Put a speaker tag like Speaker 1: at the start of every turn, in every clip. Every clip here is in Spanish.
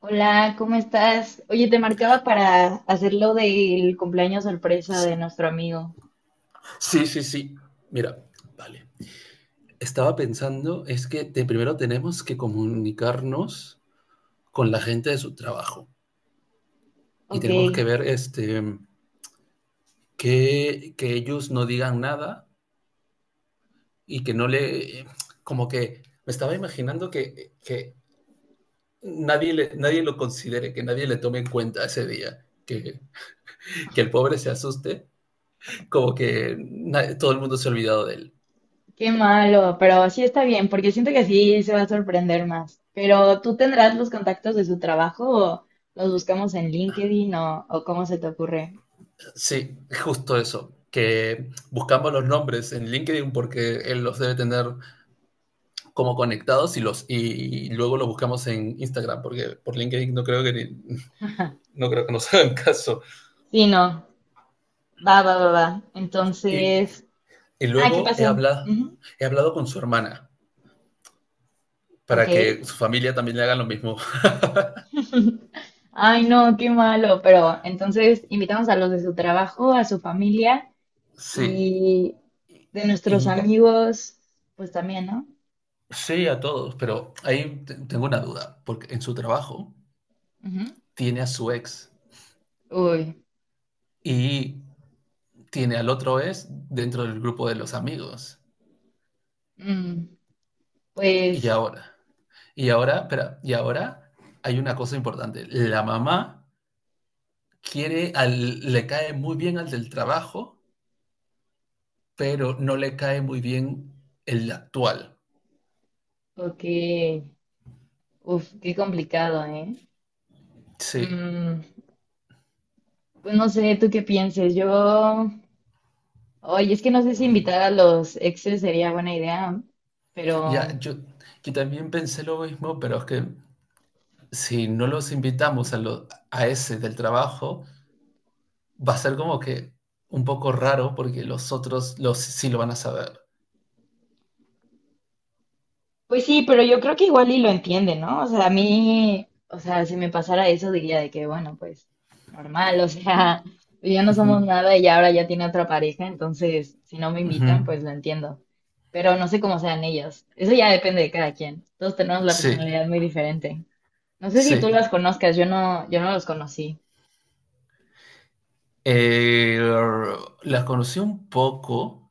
Speaker 1: Hola, ¿cómo estás? Oye, te marcaba para hacer lo del cumpleaños sorpresa de nuestro amigo.
Speaker 2: Sí, sí, sí. Mira, vale. Estaba pensando, es que primero tenemos que comunicarnos con la gente de su trabajo y
Speaker 1: Ok,
Speaker 2: tenemos que ver que ellos no digan nada y que no le... Como que me estaba imaginando que nadie lo considere, que nadie le tome en cuenta ese día, que el pobre se asuste, como que todo el mundo se ha olvidado de él.
Speaker 1: qué malo, pero sí está bien, porque siento que sí se va a sorprender más. Pero tú tendrás los contactos de su trabajo o los buscamos en LinkedIn o cómo se te ocurre.
Speaker 2: Sí, justo eso, que buscamos los nombres en LinkedIn porque él los debe tener como conectados y y luego los buscamos en Instagram porque por LinkedIn no creo que no creo que nos hagan caso.
Speaker 1: Sí, no, va, va, va, va.
Speaker 2: Y,
Speaker 1: Entonces,
Speaker 2: y
Speaker 1: ah, ¿qué
Speaker 2: luego he
Speaker 1: pasó?
Speaker 2: hablado
Speaker 1: Ujú.
Speaker 2: he hablado con su hermana
Speaker 1: Ok.
Speaker 2: para que su familia también le hagan lo mismo.
Speaker 1: Ay, no, qué malo, pero entonces invitamos a los de su trabajo, a su familia
Speaker 2: Sí.
Speaker 1: y
Speaker 2: Y,
Speaker 1: de nuestros
Speaker 2: y-
Speaker 1: amigos, pues también, ¿no?
Speaker 2: sí a todos, pero ahí tengo una duda, porque en su trabajo
Speaker 1: Ujú.
Speaker 2: tiene a su ex
Speaker 1: Uy,
Speaker 2: y tiene al otro ex dentro del grupo de los amigos.
Speaker 1: mm,
Speaker 2: Y
Speaker 1: pues,
Speaker 2: ahora, y ahora, espera, y ahora hay una cosa importante. La mamá le cae muy bien al del trabajo, pero no le cae muy bien el actual.
Speaker 1: ok. Uf, qué complicado, ¿eh?
Speaker 2: Sí,
Speaker 1: Mm, pues no sé, ¿tú qué pienses? Yo, oye, es que no sé si invitar a los exes sería buena idea,
Speaker 2: ya,
Speaker 1: pero.
Speaker 2: yo, yo también pensé lo mismo, pero es que si no los invitamos a ese del trabajo, va a ser como que un poco raro porque los otros sí lo van a saber.
Speaker 1: Pues sí, pero yo creo que igual y lo entiende, ¿no? O sea, a mí, o sea, si me pasara eso diría de que, bueno, pues normal, o sea, ya no somos
Speaker 2: Ujú,
Speaker 1: nada y ahora ya tiene otra pareja, entonces si no me
Speaker 2: ujú.
Speaker 1: invitan, pues lo entiendo. Pero no sé cómo sean ellos. Eso ya depende de cada quien. Todos tenemos la
Speaker 2: Sí,
Speaker 1: personalidad muy diferente. No sé si
Speaker 2: sí.
Speaker 1: tú las conozcas, yo no, yo no los conocí.
Speaker 2: Eh, las conocí un poco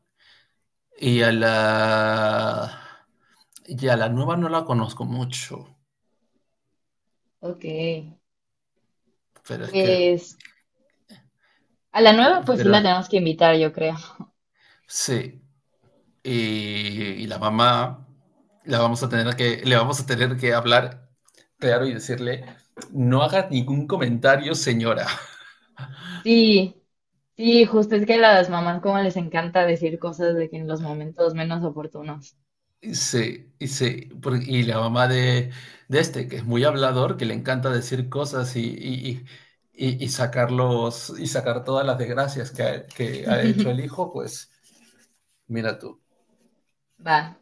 Speaker 2: y a la y a la nueva no la conozco mucho,
Speaker 1: Ok.
Speaker 2: pero es que,
Speaker 1: Pues a la
Speaker 2: que-
Speaker 1: nueva, pues sí
Speaker 2: pero
Speaker 1: la tenemos que invitar, yo creo.
Speaker 2: sí, y, y la mamá la vamos a tener que le vamos a tener que hablar claro y decirle no hagas ningún comentario, señora.
Speaker 1: Sí, sí, justo es que a las mamás como les encanta decir cosas de que en los momentos menos oportunos.
Speaker 2: Sí, y la mamá de este, que es muy hablador, que le encanta decir cosas y y y sacar todas las desgracias que ha hecho el hijo, pues mira tú,
Speaker 1: Va.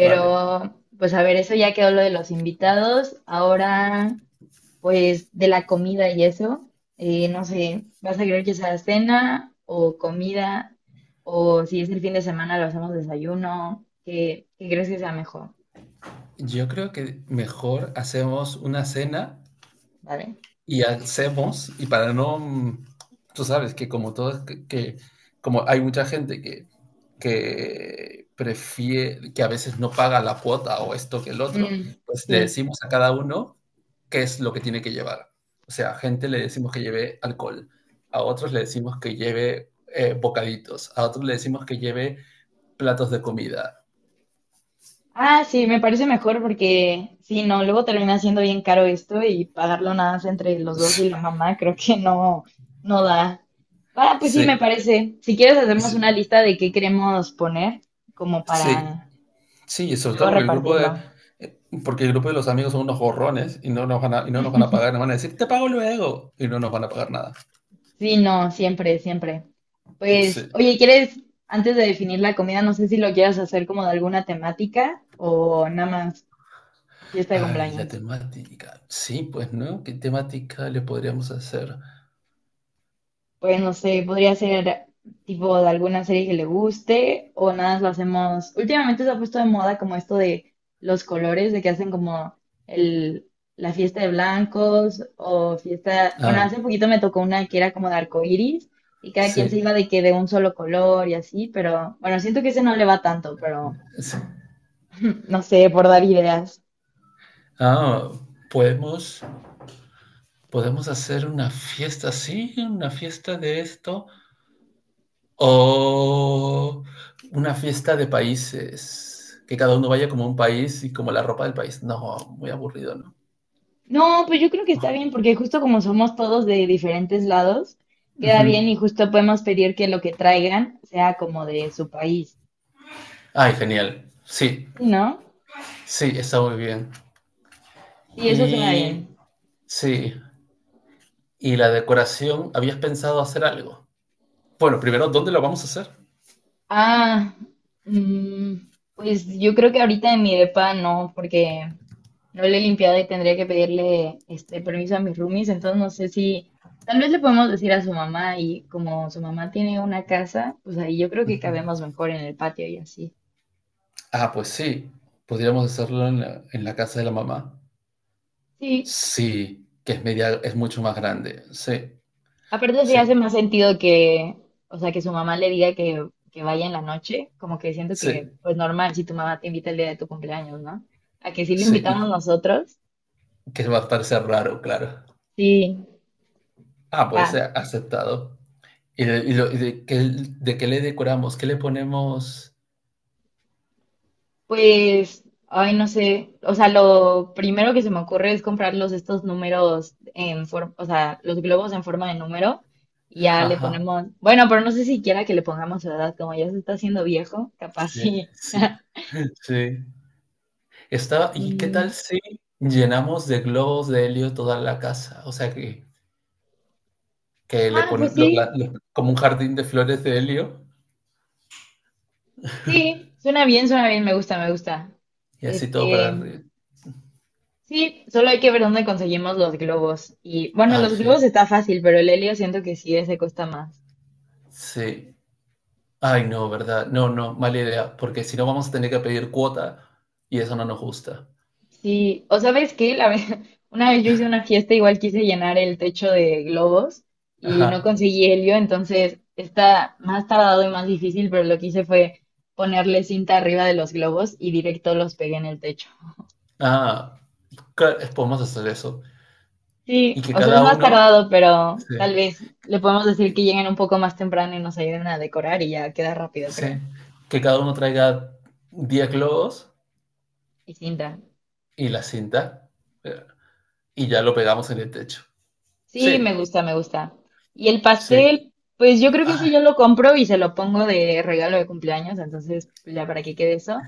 Speaker 2: vale.
Speaker 1: pues a ver, eso ya quedó lo de los invitados. Ahora, pues de la comida y eso. No sé, ¿vas a querer que sea cena o comida? O si es el fin de semana, lo hacemos desayuno. ¿Qué crees que sea mejor?
Speaker 2: Yo creo que mejor hacemos una cena
Speaker 1: ¿Vale?
Speaker 2: y hacemos, y para no, mm, tú sabes que como todo, que como hay mucha gente que prefiere, que a veces no paga la cuota o esto que el otro,
Speaker 1: Mm,
Speaker 2: pues le
Speaker 1: sí.
Speaker 2: decimos a cada uno qué es lo que tiene que llevar. O sea, a gente le decimos que lleve alcohol, a otros le decimos que lleve bocaditos, a otros le decimos que lleve platos de comida.
Speaker 1: Ah, sí, me parece mejor porque si no, luego termina siendo bien caro esto y pagarlo nada más entre los dos y la mamá, creo que no, no da. Ah, pues sí, me
Speaker 2: Sí,
Speaker 1: parece. Si quieres, hacemos una
Speaker 2: sí,
Speaker 1: lista de qué queremos poner, como
Speaker 2: sí.
Speaker 1: para
Speaker 2: Sí, sobre todo
Speaker 1: luego
Speaker 2: porque
Speaker 1: repartirlo.
Speaker 2: porque el grupo de los amigos son unos gorrones y no nos van a, y no nos van a pagar, nos van a decir, te pago luego, y no nos van a pagar nada.
Speaker 1: Sí, no, siempre, siempre. Pues,
Speaker 2: Sí.
Speaker 1: oye, ¿quieres, antes de definir la comida, no sé si lo quieras hacer como de alguna temática o nada más fiesta de
Speaker 2: Ay, la
Speaker 1: cumpleaños?
Speaker 2: temática. Sí, pues, ¿no? ¿Qué temática le podríamos hacer?
Speaker 1: Pues no sé, podría ser tipo de alguna serie que le guste o nada más lo hacemos. Últimamente se ha puesto de moda como esto de los colores, de que hacen como el, la fiesta de blancos o fiesta. Bueno, hace
Speaker 2: Ah,
Speaker 1: poquito me tocó una que era como de arcoíris y cada quien se
Speaker 2: sí,
Speaker 1: iba de que de un solo color y así, pero bueno, siento que ese no le va tanto, pero
Speaker 2: sí.
Speaker 1: no sé, por dar ideas.
Speaker 2: Ah, podemos, podemos hacer una fiesta, sí, una fiesta de esto, o una fiesta de países, que cada uno vaya como un país y como la ropa del país. No, muy aburrido, ¿no?
Speaker 1: No, pues yo creo que está bien, porque justo como somos todos de diferentes lados, queda bien
Speaker 2: Ujú.
Speaker 1: y justo podemos pedir que lo que traigan sea como de su país,
Speaker 2: Ay, genial. Sí,
Speaker 1: sí, ¿no?
Speaker 2: sí, está muy bien.
Speaker 1: Sí, eso suena
Speaker 2: Y
Speaker 1: bien.
Speaker 2: sí, y la decoración, ¿habías pensado hacer algo? Bueno, primero, ¿dónde lo vamos a hacer?
Speaker 1: Ah, mm, pues yo creo que ahorita en mi depa no, porque no le he limpiado y tendría que pedirle este permiso a mis roomies, entonces no sé si tal vez le podemos decir a su mamá y como su mamá tiene una casa, pues ahí yo creo que
Speaker 2: Ujú.
Speaker 1: cabemos mejor en el patio y así.
Speaker 2: Ah, pues sí, podríamos hacerlo en la casa de la mamá.
Speaker 1: Sí,
Speaker 2: Sí, que es media, es mucho más grande. Sí,
Speaker 1: aparte sí
Speaker 2: sí,
Speaker 1: hace más sentido que, o sea, que su mamá le diga que, vaya en la noche, como que siento
Speaker 2: sí,
Speaker 1: que, pues normal, si tu mamá te invita el día de tu cumpleaños, ¿no? A que sí lo
Speaker 2: sí, y
Speaker 1: invitamos nosotros,
Speaker 2: que va a parecer raro, claro.
Speaker 1: sí,
Speaker 2: Ah, pues
Speaker 1: va.
Speaker 2: aceptado. ¿Y de qué le decoramos? ¿Qué le ponemos?
Speaker 1: Pues, ay, no sé, o sea, lo primero que se me ocurre es comprarlos estos números en forma, o sea, los globos en forma de número, y ya le
Speaker 2: Ajá.
Speaker 1: ponemos, bueno, pero no sé siquiera que le pongamos su edad, como ya se está haciendo viejo, capaz
Speaker 2: Sí,
Speaker 1: sí.
Speaker 2: sí. Sí, Estaba ¿y qué tal
Speaker 1: Mm,
Speaker 2: si llenamos de globos de helio toda la casa? O sea, que le
Speaker 1: ah, pues
Speaker 2: ponen lo pla
Speaker 1: sí.
Speaker 2: lo como un jardín de flores de helio
Speaker 1: Sí, suena bien, me gusta, me gusta.
Speaker 2: y así todo para
Speaker 1: Este,
Speaker 2: arri
Speaker 1: sí, solo hay que ver dónde conseguimos los globos. Y bueno,
Speaker 2: ay,
Speaker 1: los globos
Speaker 2: sí,
Speaker 1: está fácil, pero el helio siento que sí, ese cuesta más.
Speaker 2: sí. Ay, no, ¿verdad? No, no, mala idea, porque si no vamos a tener que pedir cuota y eso no nos gusta.
Speaker 1: Sí, o sabes qué, la vez, una vez yo hice una fiesta, igual quise llenar el techo de globos y no
Speaker 2: Ajá.
Speaker 1: conseguí helio, entonces está más tardado y más difícil, pero lo que hice fue ponerle cinta arriba de los globos y directo los pegué en el techo.
Speaker 2: Ah, cla podemos hacer eso. Y
Speaker 1: Sí,
Speaker 2: que
Speaker 1: o sea, es
Speaker 2: cada
Speaker 1: más
Speaker 2: uno
Speaker 1: tardado, pero
Speaker 2: sí,
Speaker 1: tal vez le podemos decir que
Speaker 2: que
Speaker 1: lleguen un poco más temprano y nos ayuden a decorar y ya queda rápido, creo.
Speaker 2: sí, que cada uno traiga 10 globos
Speaker 1: Y cinta.
Speaker 2: y la cinta, eh, y ya lo pegamos en el techo.
Speaker 1: Sí, me
Speaker 2: Sí,
Speaker 1: gusta, me gusta. Y el
Speaker 2: sí.
Speaker 1: pastel, pues yo creo que ese
Speaker 2: Ah,
Speaker 1: yo lo compro y se lo pongo de regalo de cumpleaños, entonces pues, ya para qué quede eso.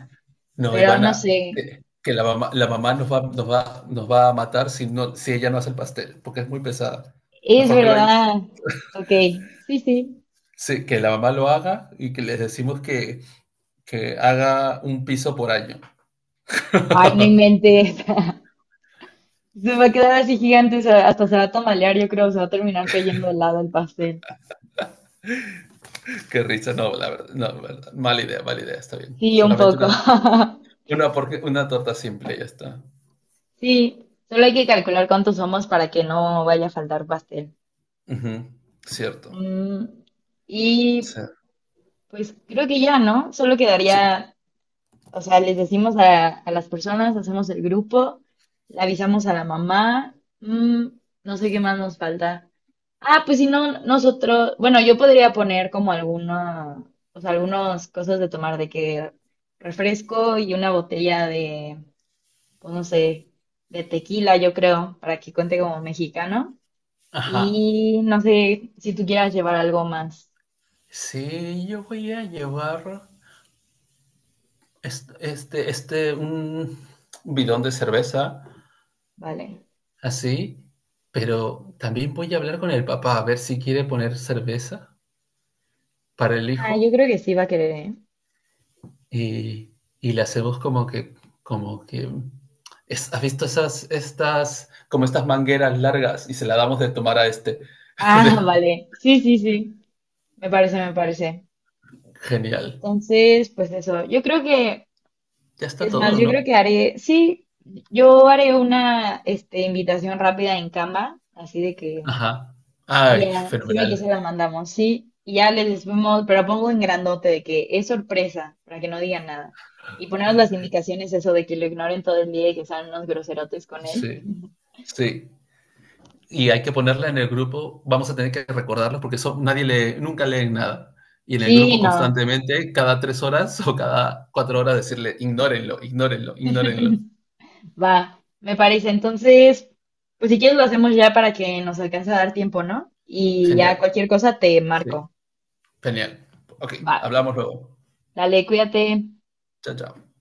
Speaker 2: no,
Speaker 1: Pero no
Speaker 2: Ivana,
Speaker 1: sé,
Speaker 2: que la mamá, la mamá nos va a matar si no, si ella no hace el pastel, porque es muy pesada.
Speaker 1: es
Speaker 2: Mejor que lo haya-
Speaker 1: verdad. Ok, sí, sí.
Speaker 2: Sí, que la mamá lo haga y que les decimos que haga un piso por año.
Speaker 1: Ay, no inventes. Se va a quedar así gigante, hasta se va a tamalear, yo creo, se va a terminar cayendo al lado el pastel.
Speaker 2: Qué risa, no, la verdad, no, la verdad, mala idea, está bien.
Speaker 1: Sí, un poco.
Speaker 2: Una, porque, una torta simple, ya está.
Speaker 1: Sí, solo hay que calcular cuántos somos para que no vaya a faltar pastel.
Speaker 2: Ujú, cierto.
Speaker 1: Mm,
Speaker 2: O
Speaker 1: y
Speaker 2: sea,
Speaker 1: pues creo que ya, ¿no? Solo
Speaker 2: sí.
Speaker 1: quedaría, o sea, les decimos a las personas, hacemos el grupo, le avisamos a la mamá, mm, no sé qué más nos falta. Ah, pues si no, nosotros, bueno, yo podría poner como alguna, o sea, algunas cosas de tomar, de que refresco y una botella de, pues no sé, de tequila, yo creo, para que cuente como mexicano.
Speaker 2: Ajá.
Speaker 1: Y no sé si tú quieras llevar algo más.
Speaker 2: Sí, yo voy a llevar. Un bidón de cerveza,
Speaker 1: Vale.
Speaker 2: así, pero también voy a hablar con el papá a ver si quiere poner cerveza para el
Speaker 1: Ah, yo
Speaker 2: hijo
Speaker 1: creo que sí va a querer, ¿eh?
Speaker 2: y, y le hacemos como que, ¿has visto estas, como estas mangueras largas y se la damos de tomar a este?
Speaker 1: Ah, vale. Sí, sí, sí. Me parece, me parece.
Speaker 2: Genial.
Speaker 1: Entonces, pues eso. Yo creo que,
Speaker 2: Ya está
Speaker 1: es más,
Speaker 2: todo,
Speaker 1: yo creo
Speaker 2: ¿no?
Speaker 1: que haré, sí, yo haré una, este, invitación rápida en Canva, así de que,
Speaker 2: Ajá.
Speaker 1: y
Speaker 2: Ay,
Speaker 1: ya, sirve que se
Speaker 2: fenomenal.
Speaker 1: la mandamos, sí. Y ya les decimos, pero pongo en grandote de que es sorpresa, para que no digan nada. Y ponemos las indicaciones, eso de que lo ignoren todo el día y que sean unos groserotes con él.
Speaker 2: Sí, sí. Y hay que ponerla en el grupo, vamos a tener que recordarlos porque eso, nadie lee, nunca leen nada. Y en el grupo
Speaker 1: Sí, no.
Speaker 2: constantemente, cada 3 horas o cada 4 horas, decirle, ignórenlo, ignórenlo, ignórenlo.
Speaker 1: Va, me parece. Entonces, pues si quieres lo hacemos ya para que nos alcance a dar tiempo, ¿no? Y ya
Speaker 2: Genial,
Speaker 1: cualquier cosa te
Speaker 2: sí,
Speaker 1: marco.
Speaker 2: genial. Ok,
Speaker 1: Va,
Speaker 2: hablamos luego.
Speaker 1: dale, cuídate.
Speaker 2: Chao, chao.